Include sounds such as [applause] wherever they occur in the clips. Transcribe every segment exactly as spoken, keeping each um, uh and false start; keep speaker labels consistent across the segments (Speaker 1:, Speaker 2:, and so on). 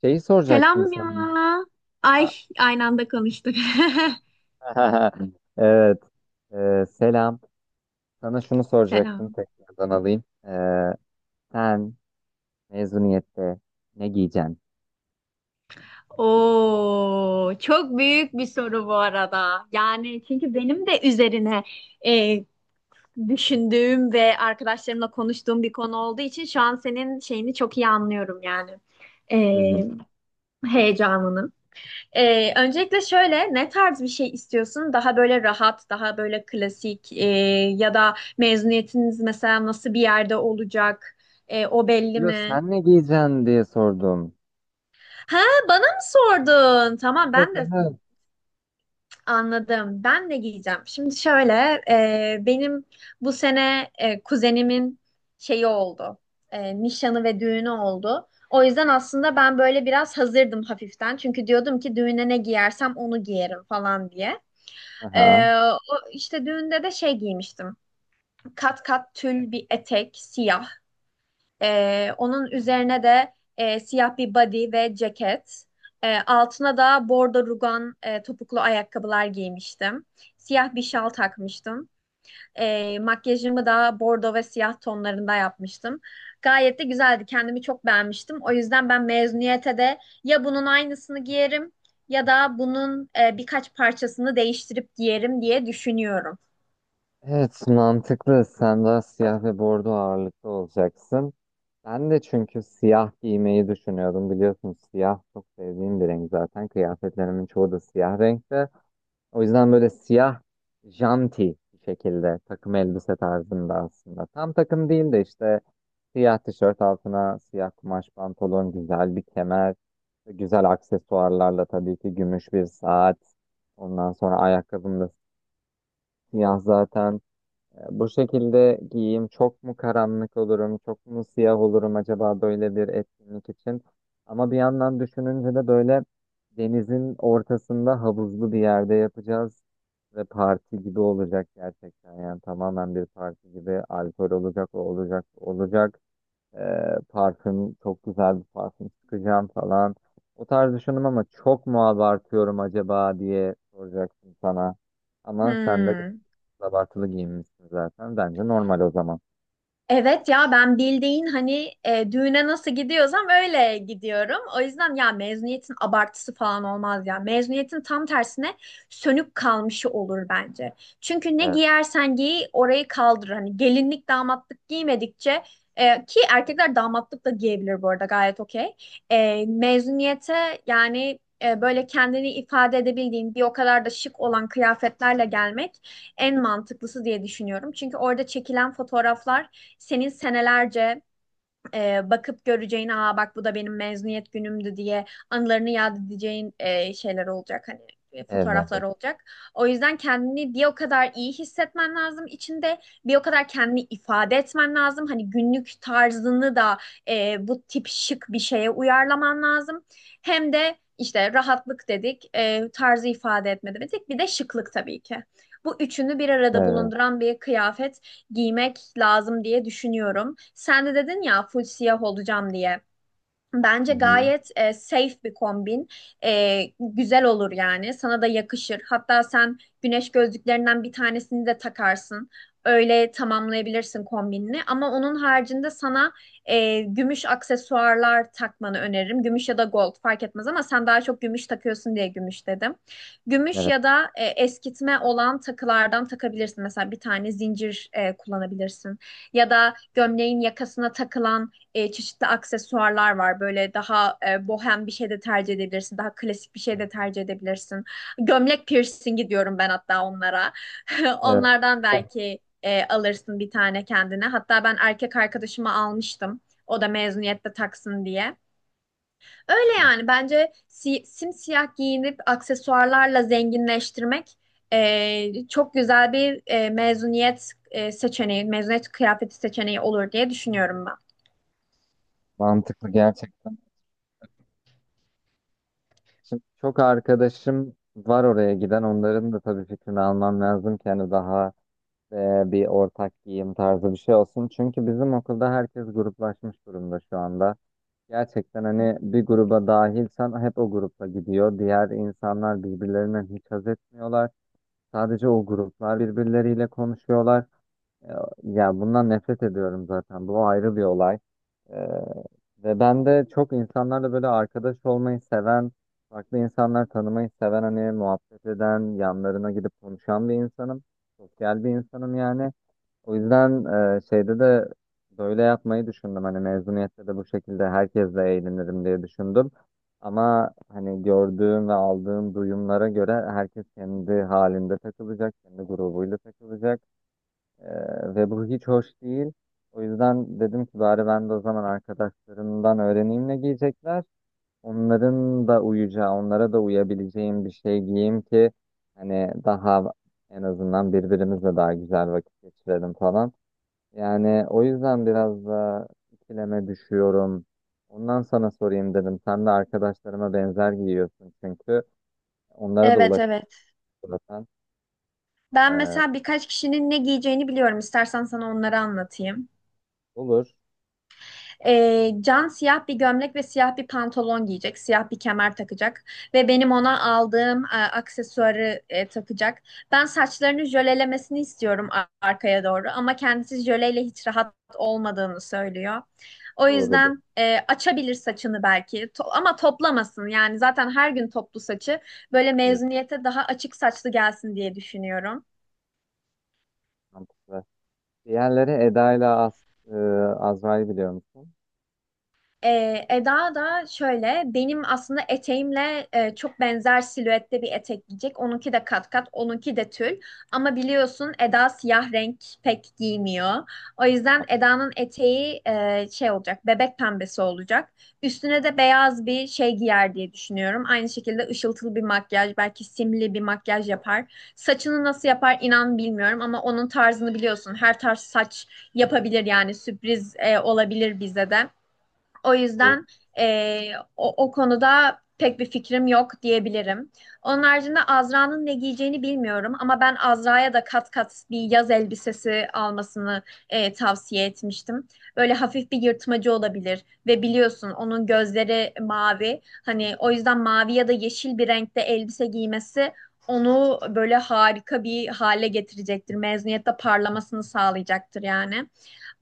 Speaker 1: Şeyi soracaktım
Speaker 2: Selam ya.
Speaker 1: sana. Ha,
Speaker 2: Ay aynı anda konuştuk.
Speaker 1: [laughs] Evet. Ee, selam. Sana
Speaker 2: [laughs]
Speaker 1: şunu soracaktım
Speaker 2: Selam.
Speaker 1: tekrardan alayım. Ee, sen mezuniyette ne giyeceksin?
Speaker 2: Oo, çok büyük bir soru bu arada. Yani çünkü benim de üzerine e, düşündüğüm ve arkadaşlarımla konuştuğum bir konu olduğu için şu an senin şeyini çok iyi anlıyorum yani. E,
Speaker 1: Hı hı.
Speaker 2: Heyecanını. E, öncelikle şöyle ne tarz bir şey istiyorsun? Daha böyle rahat, daha böyle klasik e, ya da mezuniyetiniz mesela nasıl bir yerde olacak? E, o belli
Speaker 1: Diyor
Speaker 2: mi?
Speaker 1: sen ne giyeceksin diye sordum.
Speaker 2: Ha, bana mı sordun? Tamam,
Speaker 1: Evet,
Speaker 2: ben de
Speaker 1: evet.
Speaker 2: anladım. Ben de giyeceğim. Şimdi şöyle, e, benim bu sene e, kuzenimin şeyi oldu. E, nişanı ve düğünü oldu. O yüzden aslında ben böyle biraz hazırdım hafiften. Çünkü diyordum ki düğüne ne giyersem onu giyerim falan diye.
Speaker 1: Aha.
Speaker 2: E, O işte düğünde de şey giymiştim. Kat kat tül bir etek, siyah. Ee, onun üzerine de e, siyah bir body ve ceket. Ee, altına da bordo rugan e, topuklu ayakkabılar giymiştim. Siyah bir şal takmıştım. Ee, makyajımı da bordo ve siyah tonlarında yapmıştım. Gayet de güzeldi. Kendimi çok beğenmiştim. O yüzden ben mezuniyete de ya bunun aynısını giyerim ya da bunun e, birkaç parçasını değiştirip giyerim diye düşünüyorum.
Speaker 1: Evet, mantıklı. Sen daha siyah ve bordo ağırlıklı olacaksın. Ben de çünkü siyah giymeyi düşünüyordum. Biliyorsun siyah çok sevdiğim bir renk zaten. Kıyafetlerimin çoğu da siyah renkte. O yüzden böyle siyah janti bir şekilde takım elbise tarzında aslında. Tam takım değil de işte siyah tişört altına siyah kumaş pantolon, güzel bir kemer, güzel aksesuarlarla tabii ki gümüş bir saat. Ondan sonra ayakkabım da siyah zaten. Ya bu şekilde giyeyim, çok mu karanlık olurum, çok mu siyah olurum acaba böyle bir etkinlik için? Ama bir yandan düşününce de böyle denizin ortasında havuzlu bir yerde yapacağız ve parti gibi olacak gerçekten, yani tamamen bir parti gibi, alkol olacak, o olacak, bu olacak. Ee, parfüm, çok güzel bir parfüm sıkacağım falan. O tarz düşündüm ama çok mu abartıyorum acaba diye soracaksın sana. Ama sen de
Speaker 2: Hmm.
Speaker 1: abartılı giyinmişsin zaten. Bence normal o zaman.
Speaker 2: Evet ya, ben bildiğin hani e, düğüne nasıl gidiyorsam öyle gidiyorum. O yüzden ya mezuniyetin abartısı falan olmaz ya. Mezuniyetin tam tersine sönük kalmışı olur bence. Çünkü ne
Speaker 1: Evet.
Speaker 2: giyersen giy orayı kaldır. Hani gelinlik damatlık giymedikçe, e, ki erkekler damatlık da giyebilir bu arada, gayet okey. E, mezuniyete yani e, böyle kendini ifade edebildiğin bir o kadar da şık olan kıyafetlerle gelmek en mantıklısı diye düşünüyorum. Çünkü orada çekilen fotoğraflar senin senelerce e, bakıp göreceğin, aa bak bu da benim mezuniyet günümdü diye anılarını yad edeceğin e, şeyler olacak, hani e, fotoğraflar
Speaker 1: Evet.
Speaker 2: olacak. O yüzden kendini bir o kadar iyi hissetmen lazım içinde, bir o kadar kendini ifade etmen lazım. Hani günlük tarzını da e, bu tip şık bir şeye uyarlaman lazım. Hem de işte rahatlık dedik, e, tarzı ifade etme dedik, bir de şıklık tabii ki. Bu üçünü bir arada
Speaker 1: Evet.
Speaker 2: bulunduran bir kıyafet giymek lazım diye düşünüyorum. Sen de dedin ya full siyah olacağım diye.
Speaker 1: Hı
Speaker 2: Bence
Speaker 1: hı.
Speaker 2: gayet e, safe bir kombin. E, güzel olur yani. Sana da yakışır. Hatta sen güneş gözlüklerinden bir tanesini de takarsın. Öyle tamamlayabilirsin kombinini. Ama onun haricinde sana e, gümüş aksesuarlar takmanı öneririm. Gümüş ya da gold fark etmez ama sen daha çok gümüş takıyorsun diye gümüş dedim. Gümüş
Speaker 1: Evet.
Speaker 2: ya da e, eskitme olan takılardan takabilirsin. Mesela bir tane zincir e, kullanabilirsin. Ya da gömleğin yakasına takılan e, çeşitli aksesuarlar var. Böyle daha e, bohem bir şey de tercih edebilirsin. Daha klasik bir şey de tercih edebilirsin. Gömlek piercingi diyorum ben hatta onlara. [laughs]
Speaker 1: Evet.
Speaker 2: Onlardan belki e, alırsın bir tane kendine. Hatta ben erkek arkadaşıma almıştım. O da mezuniyette taksın diye. Öyle yani bence si simsiyah giyinip aksesuarlarla zenginleştirmek e, çok güzel bir e, mezuniyet e, seçeneği, mezuniyet kıyafeti seçeneği olur diye düşünüyorum ben.
Speaker 1: Mantıklı gerçekten. Şimdi çok arkadaşım var oraya giden. Onların da tabii fikrini almam lazım ki hani daha e, bir ortak giyim tarzı bir şey olsun. Çünkü bizim okulda herkes gruplaşmış durumda şu anda. Gerçekten hani bir gruba dahilsen hep o grupla gidiyor. Diğer insanlar birbirlerinden hiç haz etmiyorlar. Sadece o gruplar birbirleriyle konuşuyorlar. Ya bundan nefret ediyorum zaten. Bu ayrı bir olay. Ee, Ve ben de çok insanlarla böyle arkadaş olmayı seven, farklı insanlar tanımayı seven, hani muhabbet eden, yanlarına gidip konuşan bir insanım. Sosyal bir insanım yani. O yüzden e, şeyde de böyle yapmayı düşündüm. Hani mezuniyette de bu şekilde herkesle eğlenirim diye düşündüm. Ama hani gördüğüm ve aldığım duyumlara göre herkes kendi halinde takılacak, kendi grubuyla takılacak. Ee, ve bu hiç hoş değil. O yüzden dedim ki bari ben de o zaman arkadaşlarımdan öğreneyim ne giyecekler. Onların da uyacağı, onlara da uyabileceğim bir şey giyeyim ki hani daha en azından birbirimizle daha güzel vakit geçirelim falan. Yani o yüzden biraz da ikileme düşüyorum. Ondan sana sorayım dedim. Sen de arkadaşlarıma benzer giyiyorsun çünkü. Onlara da
Speaker 2: Evet, evet.
Speaker 1: ulaşabilirsen.
Speaker 2: Ben
Speaker 1: Ee,
Speaker 2: mesela birkaç kişinin ne giyeceğini biliyorum. İstersen sana onları anlatayım.
Speaker 1: olur.
Speaker 2: Ee, Can siyah bir gömlek ve siyah bir pantolon giyecek. Siyah bir kemer takacak. Ve benim ona aldığım e, aksesuarı e, takacak. Ben saçlarını jölelemesini istiyorum a- arkaya doğru. Ama kendisi jöleyle hiç rahat olmadığını söylüyor. O
Speaker 1: Doğrudur.
Speaker 2: yüzden e, açabilir saçını belki. To- ama toplamasın. Yani zaten her gün toplu saçı. Böyle
Speaker 1: Evet,
Speaker 2: mezuniyete daha açık saçlı gelsin diye düşünüyorum.
Speaker 1: mantıklı. Diğerleri Eda ile Az, e, Azra'yı biliyor musun?
Speaker 2: Ee, Eda da şöyle benim aslında eteğimle e, çok benzer silüette bir etek giyecek. Onunki de kat kat, onunki de tül. Ama biliyorsun Eda siyah renk pek giymiyor. O yüzden Eda'nın eteği, e, şey olacak, bebek pembesi olacak. Üstüne de beyaz bir şey giyer diye düşünüyorum. Aynı şekilde ışıltılı bir makyaj, belki simli bir makyaj yapar. Saçını nasıl yapar inan bilmiyorum ama onun tarzını biliyorsun. Her tarz saç yapabilir yani sürpriz e, olabilir bize de. O
Speaker 1: Evet.
Speaker 2: yüzden eee, o, o konuda pek bir fikrim yok diyebilirim. Onun haricinde Azra'nın ne giyeceğini bilmiyorum ama ben Azra'ya da kat kat bir yaz elbisesi almasını eee, tavsiye etmiştim. Böyle hafif bir yırtmacı olabilir ve biliyorsun onun gözleri mavi. Hani o yüzden mavi ya da yeşil bir renkte elbise giymesi onu böyle harika bir hale getirecektir. Mezuniyette parlamasını sağlayacaktır yani.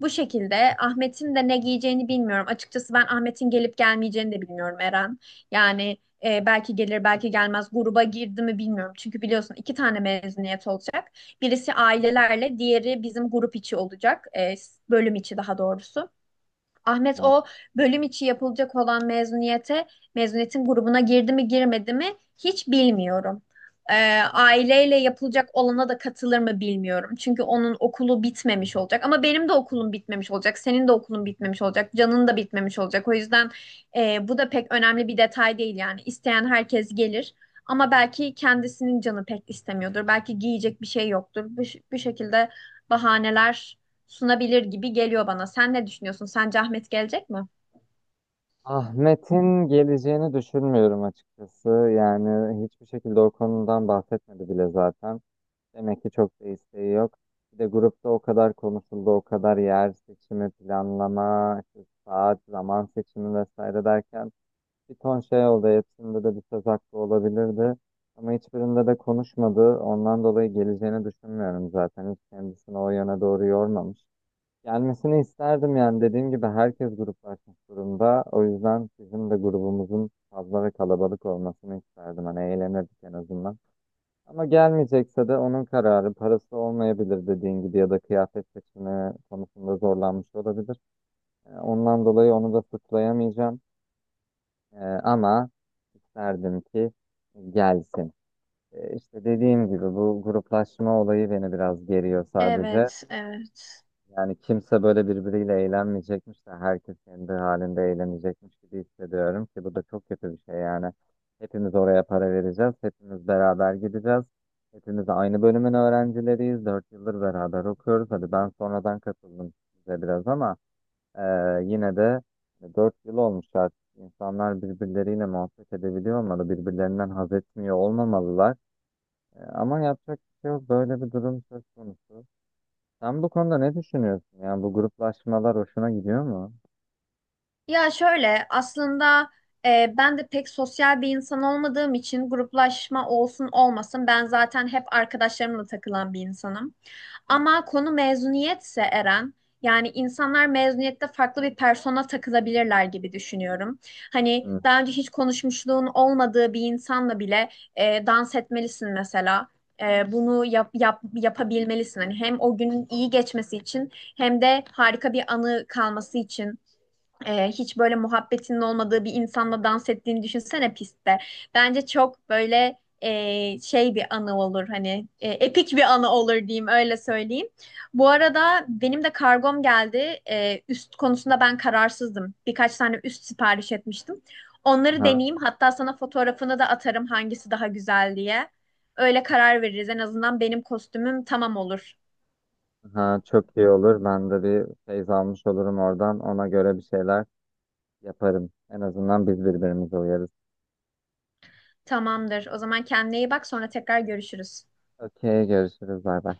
Speaker 2: Bu şekilde Ahmet'in de ne giyeceğini bilmiyorum. Açıkçası ben Ahmet'in gelip gelmeyeceğini de bilmiyorum Eren. Yani e, belki gelir belki gelmez, gruba girdi mi bilmiyorum. Çünkü biliyorsun iki tane mezuniyet olacak. Birisi ailelerle, diğeri bizim grup içi olacak. E, bölüm içi daha doğrusu. Ahmet
Speaker 1: Aha.
Speaker 2: o bölüm içi yapılacak olan mezuniyete, mezuniyetin grubuna girdi mi girmedi mi hiç bilmiyorum. Ee, aileyle yapılacak olana da katılır mı bilmiyorum. Çünkü onun okulu bitmemiş olacak. Ama benim de okulum bitmemiş olacak. Senin de okulun bitmemiş olacak. Can'ın da bitmemiş olacak. O yüzden e, bu da pek önemli bir detay değil yani. İsteyen herkes gelir. Ama belki kendisinin canı pek istemiyordur. Belki giyecek bir şey yoktur. Bu, bu şekilde bahaneler sunabilir gibi geliyor bana. Sen ne düşünüyorsun? Sence Ahmet gelecek mi?
Speaker 1: Ahmet'in geleceğini düşünmüyorum açıkçası. Yani hiçbir şekilde o konudan bahsetmedi bile zaten. Demek ki çok da isteği yok. Bir de grupta o kadar konuşuldu, o kadar yer seçimi, planlama, işte saat, zaman seçimi vesaire derken bir ton şey oldu. Hepsinde de bir söz hakkı olabilirdi. Ama hiçbirinde de konuşmadı. Ondan dolayı geleceğini düşünmüyorum zaten. Hiç kendisini o yöne doğru yormamış. Gelmesini isterdim yani dediğim gibi herkes gruplaşmış durumda. O yüzden bizim de grubumuzun fazla ve kalabalık olmasını isterdim. Hani eğlenirdik en azından. Ama gelmeyecekse de onun kararı, parası olmayabilir dediğin gibi, ya da kıyafet seçimi konusunda zorlanmış olabilir. Ee, Ondan dolayı onu da suçlayamayacağım. Ee, ama isterdim ki gelsin. Ee, İşte dediğim gibi bu gruplaşma olayı beni biraz geriyor sadece.
Speaker 2: Evet, evet.
Speaker 1: Yani kimse böyle birbiriyle eğlenmeyecekmiş de herkes kendi halinde eğlenecekmiş gibi hissediyorum ki bu da çok kötü bir şey yani. Hepimiz oraya para vereceğiz, hepimiz beraber gideceğiz. Hepimiz aynı bölümün öğrencileriyiz, dört yıldır beraber okuyoruz. Hadi ben sonradan katıldım size biraz ama e, yine de dört yıl olmuş artık. İnsanlar birbirleriyle muhabbet edebiliyor olmalı, birbirlerinden haz etmiyor olmamalılar. E, ama yapacak bir şey yok, böyle bir durum söz konusu. Sen bu konuda ne düşünüyorsun? Yani bu gruplaşmalar hoşuna gidiyor mu?
Speaker 2: Ya şöyle aslında e, ben de pek sosyal bir insan olmadığım için gruplaşma olsun olmasın ben zaten hep arkadaşlarımla takılan bir insanım. Ama konu mezuniyetse Eren, yani insanlar mezuniyette farklı bir persona takılabilirler gibi düşünüyorum. Hani
Speaker 1: Hı.
Speaker 2: daha önce hiç konuşmuşluğun olmadığı bir insanla bile e, dans etmelisin mesela. E, bunu yap, yap, yapabilmelisin. Hani hem o günün iyi geçmesi için hem de harika bir anı kalması için. Ee, hiç böyle muhabbetinin olmadığı bir insanla dans ettiğini düşünsene pistte. Bence çok böyle e, şey bir anı olur, hani e, epik bir anı olur diyeyim öyle söyleyeyim. Bu arada benim de kargom geldi. Ee, üst konusunda ben kararsızdım. Birkaç tane üst sipariş etmiştim. Onları
Speaker 1: Aha,
Speaker 2: deneyeyim. Hatta sana fotoğrafını da atarım hangisi daha güzel diye. Öyle karar veririz. En azından benim kostümüm tamam olur.
Speaker 1: aha, çok iyi olur. Ben de bir feyz almış olurum oradan. Ona göre bir şeyler yaparım. En azından biz birbirimize uyarız.
Speaker 2: Tamamdır. O zaman kendine iyi bak, sonra tekrar görüşürüz.
Speaker 1: Okey, görüşürüz. Bay bay.